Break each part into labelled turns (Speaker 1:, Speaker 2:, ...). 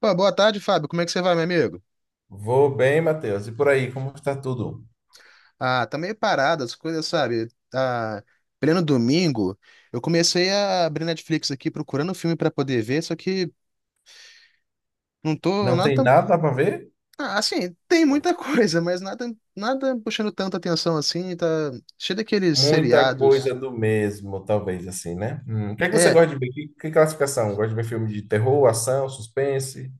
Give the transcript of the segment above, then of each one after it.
Speaker 1: Pô, boa tarde, Fábio. Como é que você vai, meu amigo?
Speaker 2: Vou bem, Matheus. E por aí, como está tudo?
Speaker 1: Ah, tá meio parado, as coisas, sabe? Tá pleno domingo. Eu comecei a abrir Netflix aqui procurando filme pra poder ver, só que não tô
Speaker 2: Não
Speaker 1: nada
Speaker 2: tem
Speaker 1: tão...
Speaker 2: nada para ver?
Speaker 1: Ah, assim, tem muita coisa, mas nada puxando tanta atenção assim, tá cheio daqueles
Speaker 2: Muita coisa
Speaker 1: seriados.
Speaker 2: do mesmo, talvez assim, né? O que é que você
Speaker 1: É.
Speaker 2: gosta de ver? Que classificação? Gosta de ver filme de terror, ação, suspense?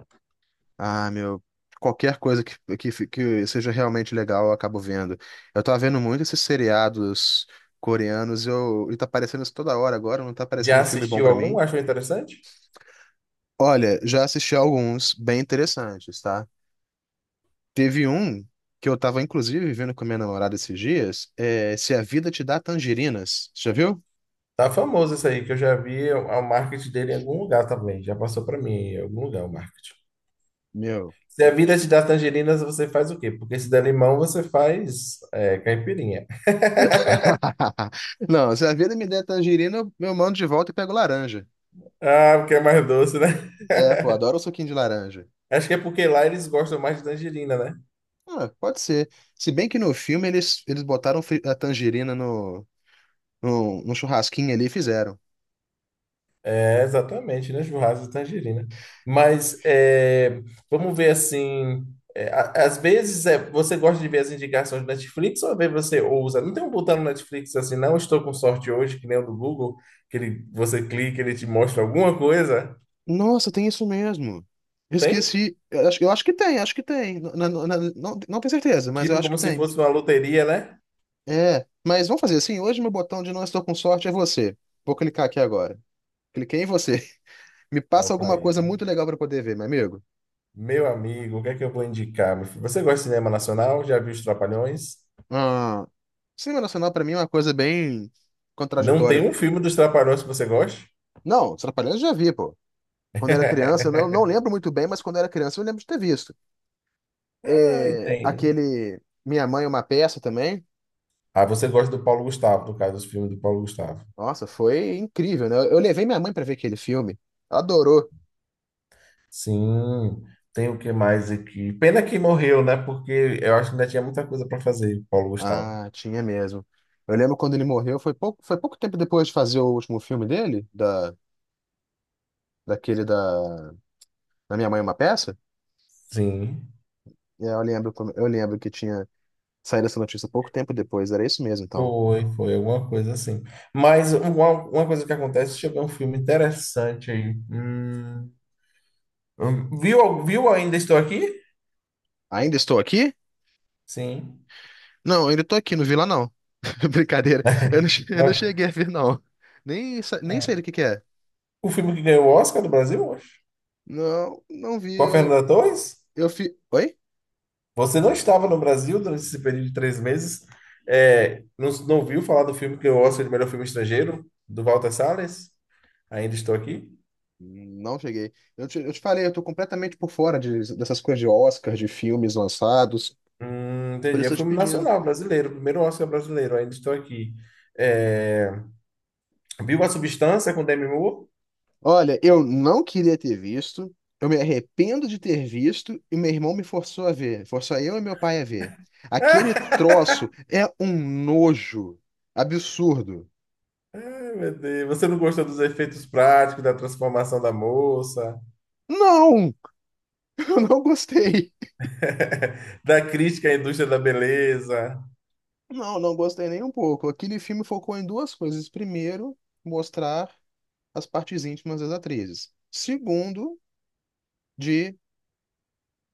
Speaker 1: Ah, meu, qualquer coisa que seja realmente legal eu acabo vendo. Eu tô vendo muito esses seriados coreanos, e tá aparecendo isso toda hora agora, não tá
Speaker 2: Já
Speaker 1: aparecendo filme bom
Speaker 2: assistiu
Speaker 1: pra
Speaker 2: algum?
Speaker 1: mim.
Speaker 2: Achou interessante?
Speaker 1: Olha, já assisti alguns bem interessantes, tá? Teve um que eu tava, inclusive, vendo com a minha namorada esses dias, é Se a Vida Te Dá Tangerinas. Já viu?
Speaker 2: Tá famoso isso aí, que eu já vi o marketing dele em algum lugar também. Já passou para mim em algum lugar o marketing.
Speaker 1: Meu.
Speaker 2: Se a vida te dá tangerinas, você faz o quê? Porque se der limão, você faz caipirinha.
Speaker 1: Não, se a vida me der tangerina, eu mando de volta e pego laranja.
Speaker 2: Ah, porque é mais doce, né?
Speaker 1: É, pô, adoro o suquinho de laranja.
Speaker 2: Acho que é porque lá eles gostam mais de tangerina, né?
Speaker 1: Ah, pode ser. Se bem que no filme eles botaram a tangerina no churrasquinho ali e fizeram.
Speaker 2: É, exatamente, né? Churrasco de tangerina. Mas é, vamos ver assim. Às vezes você gosta de ver as indicações do Netflix, ou às vezes você ousa. Não tem um botão no Netflix assim, não estou com sorte hoje, que nem o do Google, que ele, você clica ele te mostra alguma coisa.
Speaker 1: Nossa, tem isso mesmo. Eu
Speaker 2: Tem?
Speaker 1: esqueci. Eu acho que tem, acho que tem. Não, não tenho certeza, mas eu
Speaker 2: Tipo
Speaker 1: acho que
Speaker 2: como se
Speaker 1: tem.
Speaker 2: fosse uma loteria, né?
Speaker 1: É, mas vamos fazer assim. Hoje meu botão de não estou com sorte é você. Vou clicar aqui agora. Cliquei em você. Me
Speaker 2: Ó,
Speaker 1: passa
Speaker 2: pra
Speaker 1: alguma coisa
Speaker 2: isso.
Speaker 1: muito legal para poder ver, meu amigo.
Speaker 2: Meu amigo, o que é que eu vou indicar? Meu filho? Você gosta de cinema nacional? Já viu os Trapalhões?
Speaker 1: Ah, cinema nacional para mim é uma coisa bem
Speaker 2: Não tem
Speaker 1: contraditória.
Speaker 2: um filme dos Trapalhões que você goste?
Speaker 1: Não, Os Trapalhões eu já vi, pô. Quando era criança, eu não, não lembro muito bem, mas quando era criança eu lembro de ter visto.
Speaker 2: Ah,
Speaker 1: É,
Speaker 2: tem.
Speaker 1: aquele Minha Mãe é uma Peça também.
Speaker 2: Ah, você gosta do Paulo Gustavo, no caso dos filmes do Paulo Gustavo.
Speaker 1: Nossa, foi incrível, né? Eu levei minha mãe para ver aquele filme. Ela adorou.
Speaker 2: Sim, tem o que mais aqui? Pena que morreu, né? Porque eu acho que ainda tinha muita coisa para fazer, Paulo Gustavo.
Speaker 1: Ah, tinha mesmo. Eu lembro quando ele morreu, foi pouco tempo depois de fazer o último filme dele, daquele da Minha Mãe é uma Peça.
Speaker 2: Sim,
Speaker 1: E aí eu lembro, eu lembro que tinha saído essa notícia pouco tempo depois, era isso mesmo, então.
Speaker 2: foi alguma coisa assim. Uma coisa que acontece, deixa eu ver um filme interessante aí. Hum, viu, Viu Ainda Estou Aqui?
Speaker 1: Ainda estou aqui?
Speaker 2: Sim.
Speaker 1: Não, ainda estou aqui, não vi lá não. Brincadeira, eu não
Speaker 2: Mas,
Speaker 1: cheguei a ver não. Nem
Speaker 2: ah,
Speaker 1: sei do que é.
Speaker 2: O filme que ganhou o Oscar do Brasil, eu acho.
Speaker 1: Não, não vi,
Speaker 2: Com a Fernanda Torres?
Speaker 1: oi?
Speaker 2: Você não estava no Brasil durante esse período de 3 meses? É, não, não ouviu falar do filme que eu Oscar de melhor filme estrangeiro, do Walter Salles? Ainda estou aqui?
Speaker 1: Não cheguei. Eu te falei, eu tô completamente por fora dessas coisas de Oscar, de filmes lançados, por
Speaker 2: Entendi. É
Speaker 1: isso
Speaker 2: um
Speaker 1: eu tô te
Speaker 2: filme
Speaker 1: pedindo.
Speaker 2: nacional, brasileiro. Primeiro Oscar brasileiro. Ainda estou aqui. É, viu A Substância com Demi Moore?
Speaker 1: Olha, eu não queria ter visto, eu me arrependo de ter visto e meu irmão me forçou a ver, forçou eu e meu pai a ver. Aquele troço é um nojo absurdo.
Speaker 2: Ai, meu Deus. Você não gostou dos efeitos práticos, da transformação da moça,
Speaker 1: Não, eu não gostei.
Speaker 2: da crítica à indústria da beleza?
Speaker 1: Não, não gostei nem um pouco. Aquele filme focou em duas coisas. Primeiro, mostrar as partes íntimas das atrizes. Segundo, de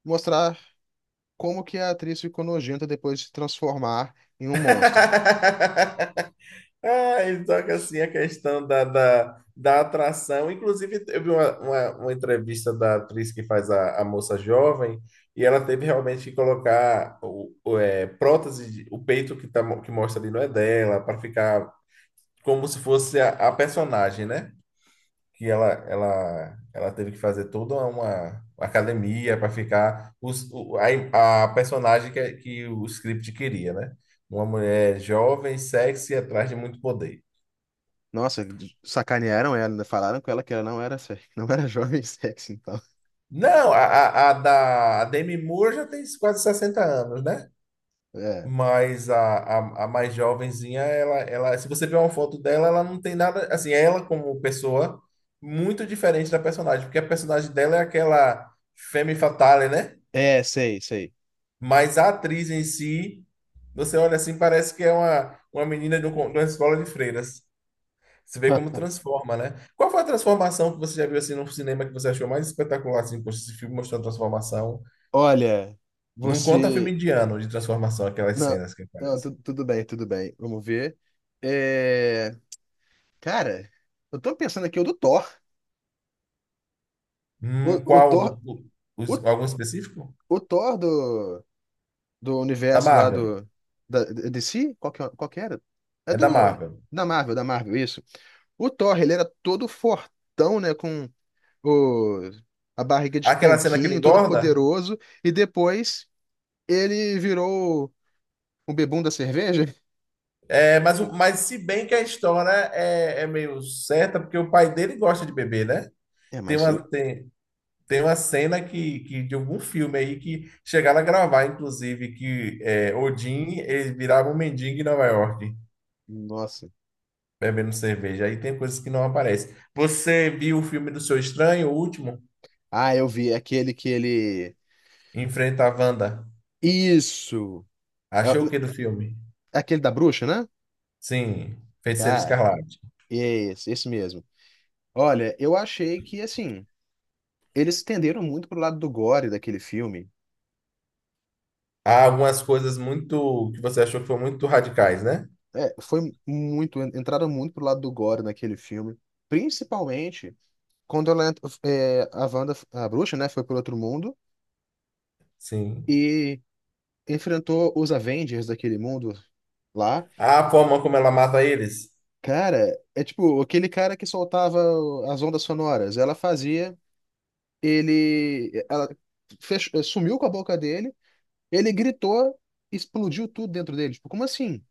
Speaker 1: mostrar como que a atriz ficou nojenta depois de se transformar em um monstro.
Speaker 2: Ah, ele toca assim a questão da atração. Inclusive, eu vi uma entrevista da atriz que faz a moça jovem, e ela teve realmente que colocar prótese, o peito que, que mostra ali não é dela, para ficar como se fosse a personagem, né? Que ela teve que fazer toda uma, academia para ficar a personagem que o script queria, né? Uma mulher jovem, sexy, atrás de muito poder.
Speaker 1: Nossa, sacanearam ela, ainda falaram com ela que ela não era, não era jovem sexy, então.
Speaker 2: Não, a Demi Moore já tem quase 60 anos, né?
Speaker 1: É,
Speaker 2: Mas a mais jovenzinha, se você ver uma foto dela, ela não tem nada, assim, ela como pessoa, muito diferente da personagem, porque a personagem dela é aquela femme fatale, né?
Speaker 1: sei, sei.
Speaker 2: Mas a atriz em si, você olha assim, parece que é uma menina de, de uma escola de freiras. Você vê como transforma, né? Qual foi a transformação que você já viu assim no cinema que você achou mais espetacular, assim, poxa, esse filme mostrou a transformação?
Speaker 1: Olha,
Speaker 2: Não conta filme
Speaker 1: você.
Speaker 2: indiano de transformação, aquelas
Speaker 1: Não,
Speaker 2: cenas que
Speaker 1: não,
Speaker 2: aparecem.
Speaker 1: tu- tudo bem, tudo bem. Vamos ver. É, cara, eu tô pensando aqui o do Thor. O
Speaker 2: Qual?
Speaker 1: Thor, o,
Speaker 2: Os- algum específico?
Speaker 1: o Thor do
Speaker 2: Da
Speaker 1: universo lá
Speaker 2: Marvel.
Speaker 1: do. DC? Qual que, qual que era? É
Speaker 2: É da
Speaker 1: do.
Speaker 2: Marvel.
Speaker 1: Da Marvel, isso. O Thor, ele era todo fortão, né? Com o, a barriga de
Speaker 2: Aquela cena que ele
Speaker 1: tanquinho, todo
Speaker 2: engorda?
Speaker 1: poderoso, e depois ele virou o bebum da cerveja?
Speaker 2: É, mas se bem que a história é meio certa, porque o pai dele gosta de beber, né?
Speaker 1: É,
Speaker 2: Tem
Speaker 1: mas
Speaker 2: uma,
Speaker 1: o.
Speaker 2: tem, Tem uma cena que de algum filme aí que chegaram a gravar, inclusive, que é, Odin ele virava um mendigo em Nova York,
Speaker 1: Nossa.
Speaker 2: bebendo cerveja. Aí tem coisas que não aparecem. Você viu o filme do Seu Estranho, o último?
Speaker 1: Ah, eu vi. É aquele que ele.
Speaker 2: Enfrenta a Wanda.
Speaker 1: Isso! É,
Speaker 2: Achou o que do filme?
Speaker 1: é aquele da bruxa, né?
Speaker 2: Sim, Feiticeiro
Speaker 1: Cara,
Speaker 2: Escarlate.
Speaker 1: esse mesmo. Olha, eu achei que, assim, eles tenderam muito pro lado do gore daquele filme.
Speaker 2: Há algumas coisas muito que você achou que foram muito radicais, né?
Speaker 1: É, foi muito. Entraram muito pro lado do gore naquele filme. Principalmente quando ela, a Wanda, a bruxa, né, foi pro outro mundo.
Speaker 2: Sim.
Speaker 1: E enfrentou os Avengers daquele mundo lá.
Speaker 2: A forma como ela mata eles
Speaker 1: Cara, é tipo aquele cara que soltava as ondas sonoras. Ela fazia, ela sumiu com a boca dele, ele gritou, explodiu tudo dentro dele. Tipo, como assim?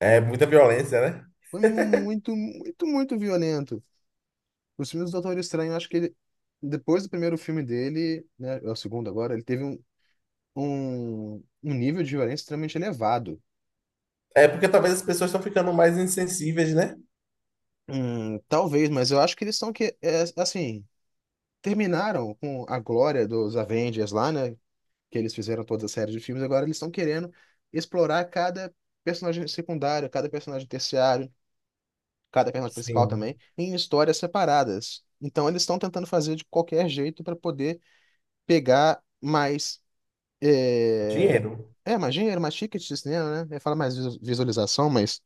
Speaker 2: é muita violência, né?
Speaker 1: Foi muito, muito, muito violento. Os filmes do Doutor Estranho, eu acho que ele, depois do primeiro filme dele, né, é o segundo agora, ele teve um, um nível de violência extremamente elevado.
Speaker 2: É porque talvez as pessoas estão ficando mais insensíveis, né?
Speaker 1: Talvez, mas eu acho que eles estão assim, terminaram com a glória dos Avengers lá, né? Que eles fizeram toda a série de filmes. Agora eles estão querendo explorar cada personagem secundário, cada personagem terciário, cada personagem principal também,
Speaker 2: Sim.
Speaker 1: em histórias separadas. Então eles estão tentando fazer de qualquer jeito para poder pegar mais. É...
Speaker 2: Dinheiro.
Speaker 1: mais dinheiro, mais ticket de cinema, né? Eu falo mais visualização, mas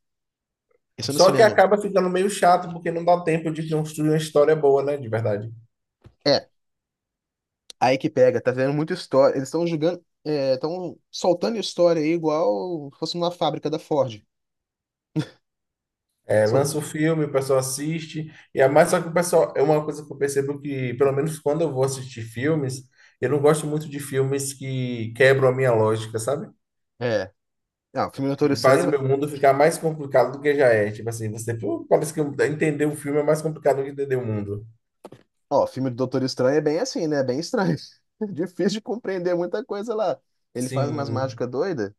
Speaker 1: isso é no
Speaker 2: Só que
Speaker 1: cinema.
Speaker 2: acaba ficando meio chato porque não dá tempo de construir uma história boa, né? De verdade.
Speaker 1: É, aí que pega, tá vendo muita história. Eles estão jogando, estão soltando história aí igual se fosse uma fábrica da Ford.
Speaker 2: É,
Speaker 1: So-
Speaker 2: lança o filme, o pessoal assiste, e é mais só que o pessoal, é uma coisa que eu percebo que, pelo menos quando eu vou assistir filmes, eu não gosto muito de filmes que quebram a minha lógica, sabe?
Speaker 1: É. Ah, filme do Doutor
Speaker 2: Que fazem
Speaker 1: Estranho.
Speaker 2: meu mundo ficar mais complicado do que já é. Tipo assim, você, pô, parece que entender o filme é mais complicado do que entender o mundo.
Speaker 1: Ó, filme do Doutor Estranho é bem assim, né? É bem estranho. Difícil de compreender muita coisa lá. Ele faz umas
Speaker 2: Sim.
Speaker 1: mágicas doidas.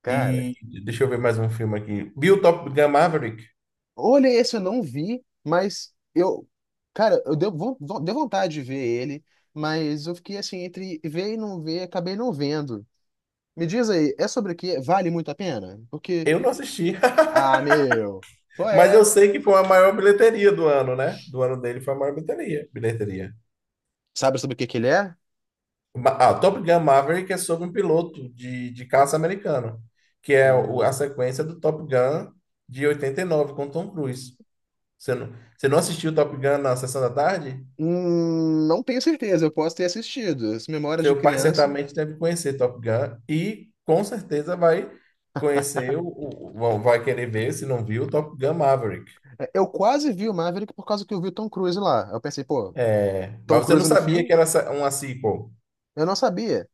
Speaker 1: Cara,
Speaker 2: E deixa eu ver mais um filme aqui. Bill Top Gun Maverick.
Speaker 1: olha esse, eu não vi, mas eu. Cara, eu deu, von- von- deu vontade de ver ele, mas eu fiquei assim, entre ver e não ver, acabei não vendo. Me diz aí, é sobre o quê? Vale muito a pena? Porque.
Speaker 2: Eu não assisti,
Speaker 1: Ah, meu. Qual
Speaker 2: mas eu
Speaker 1: é?
Speaker 2: sei que foi a maior bilheteria do ano, né? Do ano dele foi a maior bilheteria. Bilheteria.
Speaker 1: Sabe sobre o que que ele é?
Speaker 2: Ah, Top Gun Maverick é sobre um piloto de caça americano, que é a
Speaker 1: Hum.
Speaker 2: sequência do Top Gun de 89 com Tom Cruise. Você não assistiu Top Gun na sessão da tarde?
Speaker 1: Não tenho certeza, eu posso ter assistido. As memórias de
Speaker 2: Seu pai
Speaker 1: criança.
Speaker 2: certamente deve conhecer Top Gun e com certeza vai conhecer, vai querer ver, se não viu, Top Gun Maverick.
Speaker 1: É, eu quase vi o Maverick por causa que eu vi o Tom Cruise lá. Eu pensei, pô,
Speaker 2: É,
Speaker 1: Tom
Speaker 2: mas você não
Speaker 1: Cruise no
Speaker 2: sabia
Speaker 1: filme?
Speaker 2: que era uma sequel?
Speaker 1: Eu não sabia.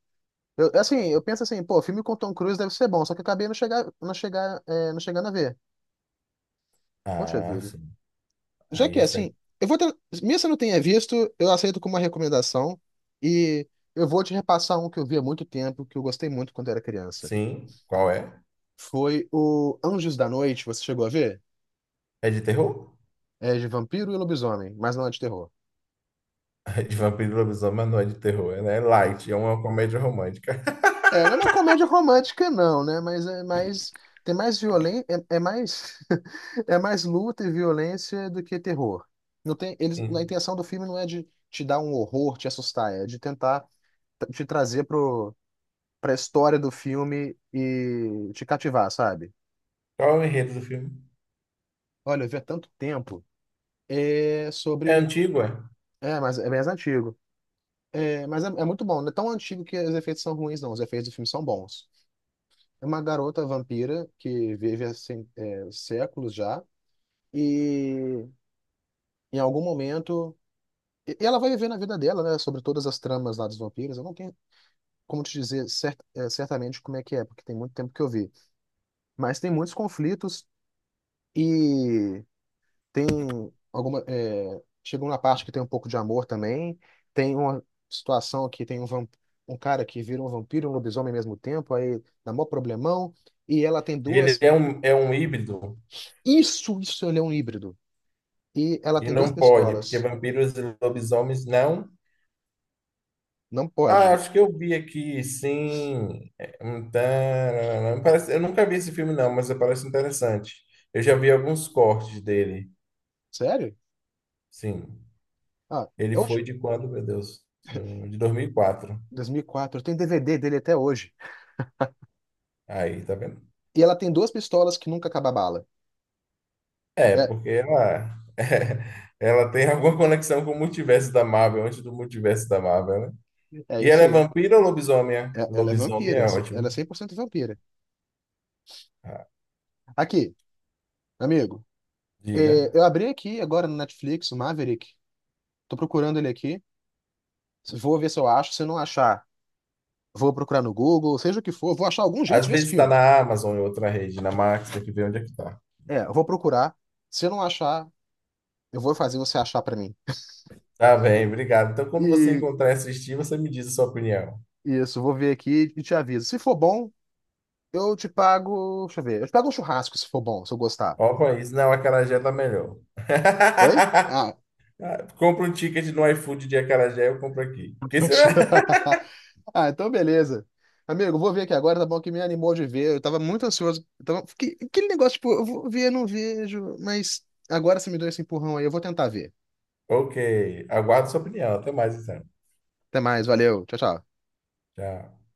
Speaker 1: Eu, assim, eu penso assim, pô, filme com Tom Cruise deve ser bom, só que eu acabei não chegando a ver. Poxa
Speaker 2: Ah,
Speaker 1: vida.
Speaker 2: sim.
Speaker 1: Já
Speaker 2: Aí
Speaker 1: que é
Speaker 2: essa aí.
Speaker 1: assim, eu vou ter, mesmo se eu não tenha visto, eu aceito como uma recomendação e eu vou te repassar um que eu vi há muito tempo, que eu gostei muito quando era criança.
Speaker 2: Sim, qual é?
Speaker 1: Foi o Anjos da Noite, você chegou a ver?
Speaker 2: É de terror?
Speaker 1: É de vampiro e lobisomem, mas não é de terror.
Speaker 2: De vampiro e lobisomem, mas não é de terror, né? É né? É light, é uma comédia romântica.
Speaker 1: É, não é uma comédia romântica, não, né? Mas é mais. Tem mais violência. É, é mais. É mais luta e violência do que terror. Não tem, eles, a
Speaker 2: Sim.
Speaker 1: intenção do filme não é de te dar um horror, te assustar, é de tentar te trazer pra história do filme e te cativar, sabe?
Speaker 2: Qual é o enredo do filme?
Speaker 1: Olha, eu vi há tanto tempo. É
Speaker 2: É
Speaker 1: sobre.
Speaker 2: antigo, é?
Speaker 1: É, mas é mais antigo. É muito bom. Não é tão antigo que os efeitos são ruins, não. Os efeitos do filme são bons. É uma garota vampira que vive há séculos já e em algum momento e ela vai viver na vida dela, né, sobre todas as tramas lá dos vampiros. Eu não tenho como te dizer certamente como é que é, porque tem muito tempo que eu vi. Mas tem muitos conflitos e chegou na parte que tem um pouco de amor também. Tem uma situação que tem um um cara que vira um vampiro e um lobisomem ao mesmo tempo, aí dá mó problemão e ela tem duas.
Speaker 2: É um híbrido
Speaker 1: Isso ele é um híbrido. E ela
Speaker 2: e
Speaker 1: tem duas
Speaker 2: não pode, porque
Speaker 1: pistolas.
Speaker 2: vampiros e lobisomens não.
Speaker 1: Não
Speaker 2: Ah,
Speaker 1: pode.
Speaker 2: acho que eu vi aqui, sim. É, um tararara. Parece, eu nunca vi esse filme, não, mas parece interessante. Eu já vi alguns cortes dele.
Speaker 1: Sério?
Speaker 2: Sim.
Speaker 1: Ah,
Speaker 2: Ele
Speaker 1: é hoje?
Speaker 2: foi de quando, meu Deus? De 2004.
Speaker 1: 2004. Eu tenho DVD dele até hoje.
Speaker 2: Aí, tá vendo?
Speaker 1: E ela tem duas pistolas que nunca acaba a bala.
Speaker 2: É,
Speaker 1: É,
Speaker 2: porque ela, ela tem alguma conexão com o multiverso da Marvel, antes do multiverso da Marvel, né?
Speaker 1: é
Speaker 2: E ela
Speaker 1: isso
Speaker 2: é
Speaker 1: aí.
Speaker 2: vampira ou lobisomem?
Speaker 1: Ela é
Speaker 2: Lobisomem é
Speaker 1: vampira.
Speaker 2: ótimo.
Speaker 1: Ela é 100% vampira.
Speaker 2: Ah,
Speaker 1: Aqui, amigo.
Speaker 2: diga.
Speaker 1: É, eu abri aqui agora no Netflix, o Maverick. Tô procurando ele aqui. Vou ver se eu acho. Se eu não achar, vou procurar no Google, seja o que for. Vou achar algum jeito de
Speaker 2: Às
Speaker 1: ver esse
Speaker 2: vezes está
Speaker 1: filme.
Speaker 2: na Amazon em outra rede, na Max, tem que ver onde é que tá.
Speaker 1: É, eu vou procurar. Se eu não achar, eu vou fazer você achar pra mim.
Speaker 2: Tá bem, obrigado. Então, quando você
Speaker 1: E
Speaker 2: encontrar e assistir, você me diz a sua opinião.
Speaker 1: isso, vou ver aqui e te aviso. Se for bom, eu te pago. Deixa eu ver. Eu te pago um churrasco se for bom, se eu gostar.
Speaker 2: Ó, o país, não, a acarajé tá melhor.
Speaker 1: Oi? Ah,
Speaker 2: Ah, compra um ticket no iFood de acarajé, eu compro aqui. Porque se-
Speaker 1: ah, então beleza. Amigo, eu vou ver aqui agora, tá bom? Que me animou de ver. Eu tava muito ansioso. Aquele negócio, tipo, eu vou ver, não vejo. Mas agora você me deu esse empurrão aí. Eu vou tentar ver.
Speaker 2: Ok, aguardo sua opinião. Até mais, então.
Speaker 1: Até mais, valeu. Tchau, tchau.
Speaker 2: Tchau.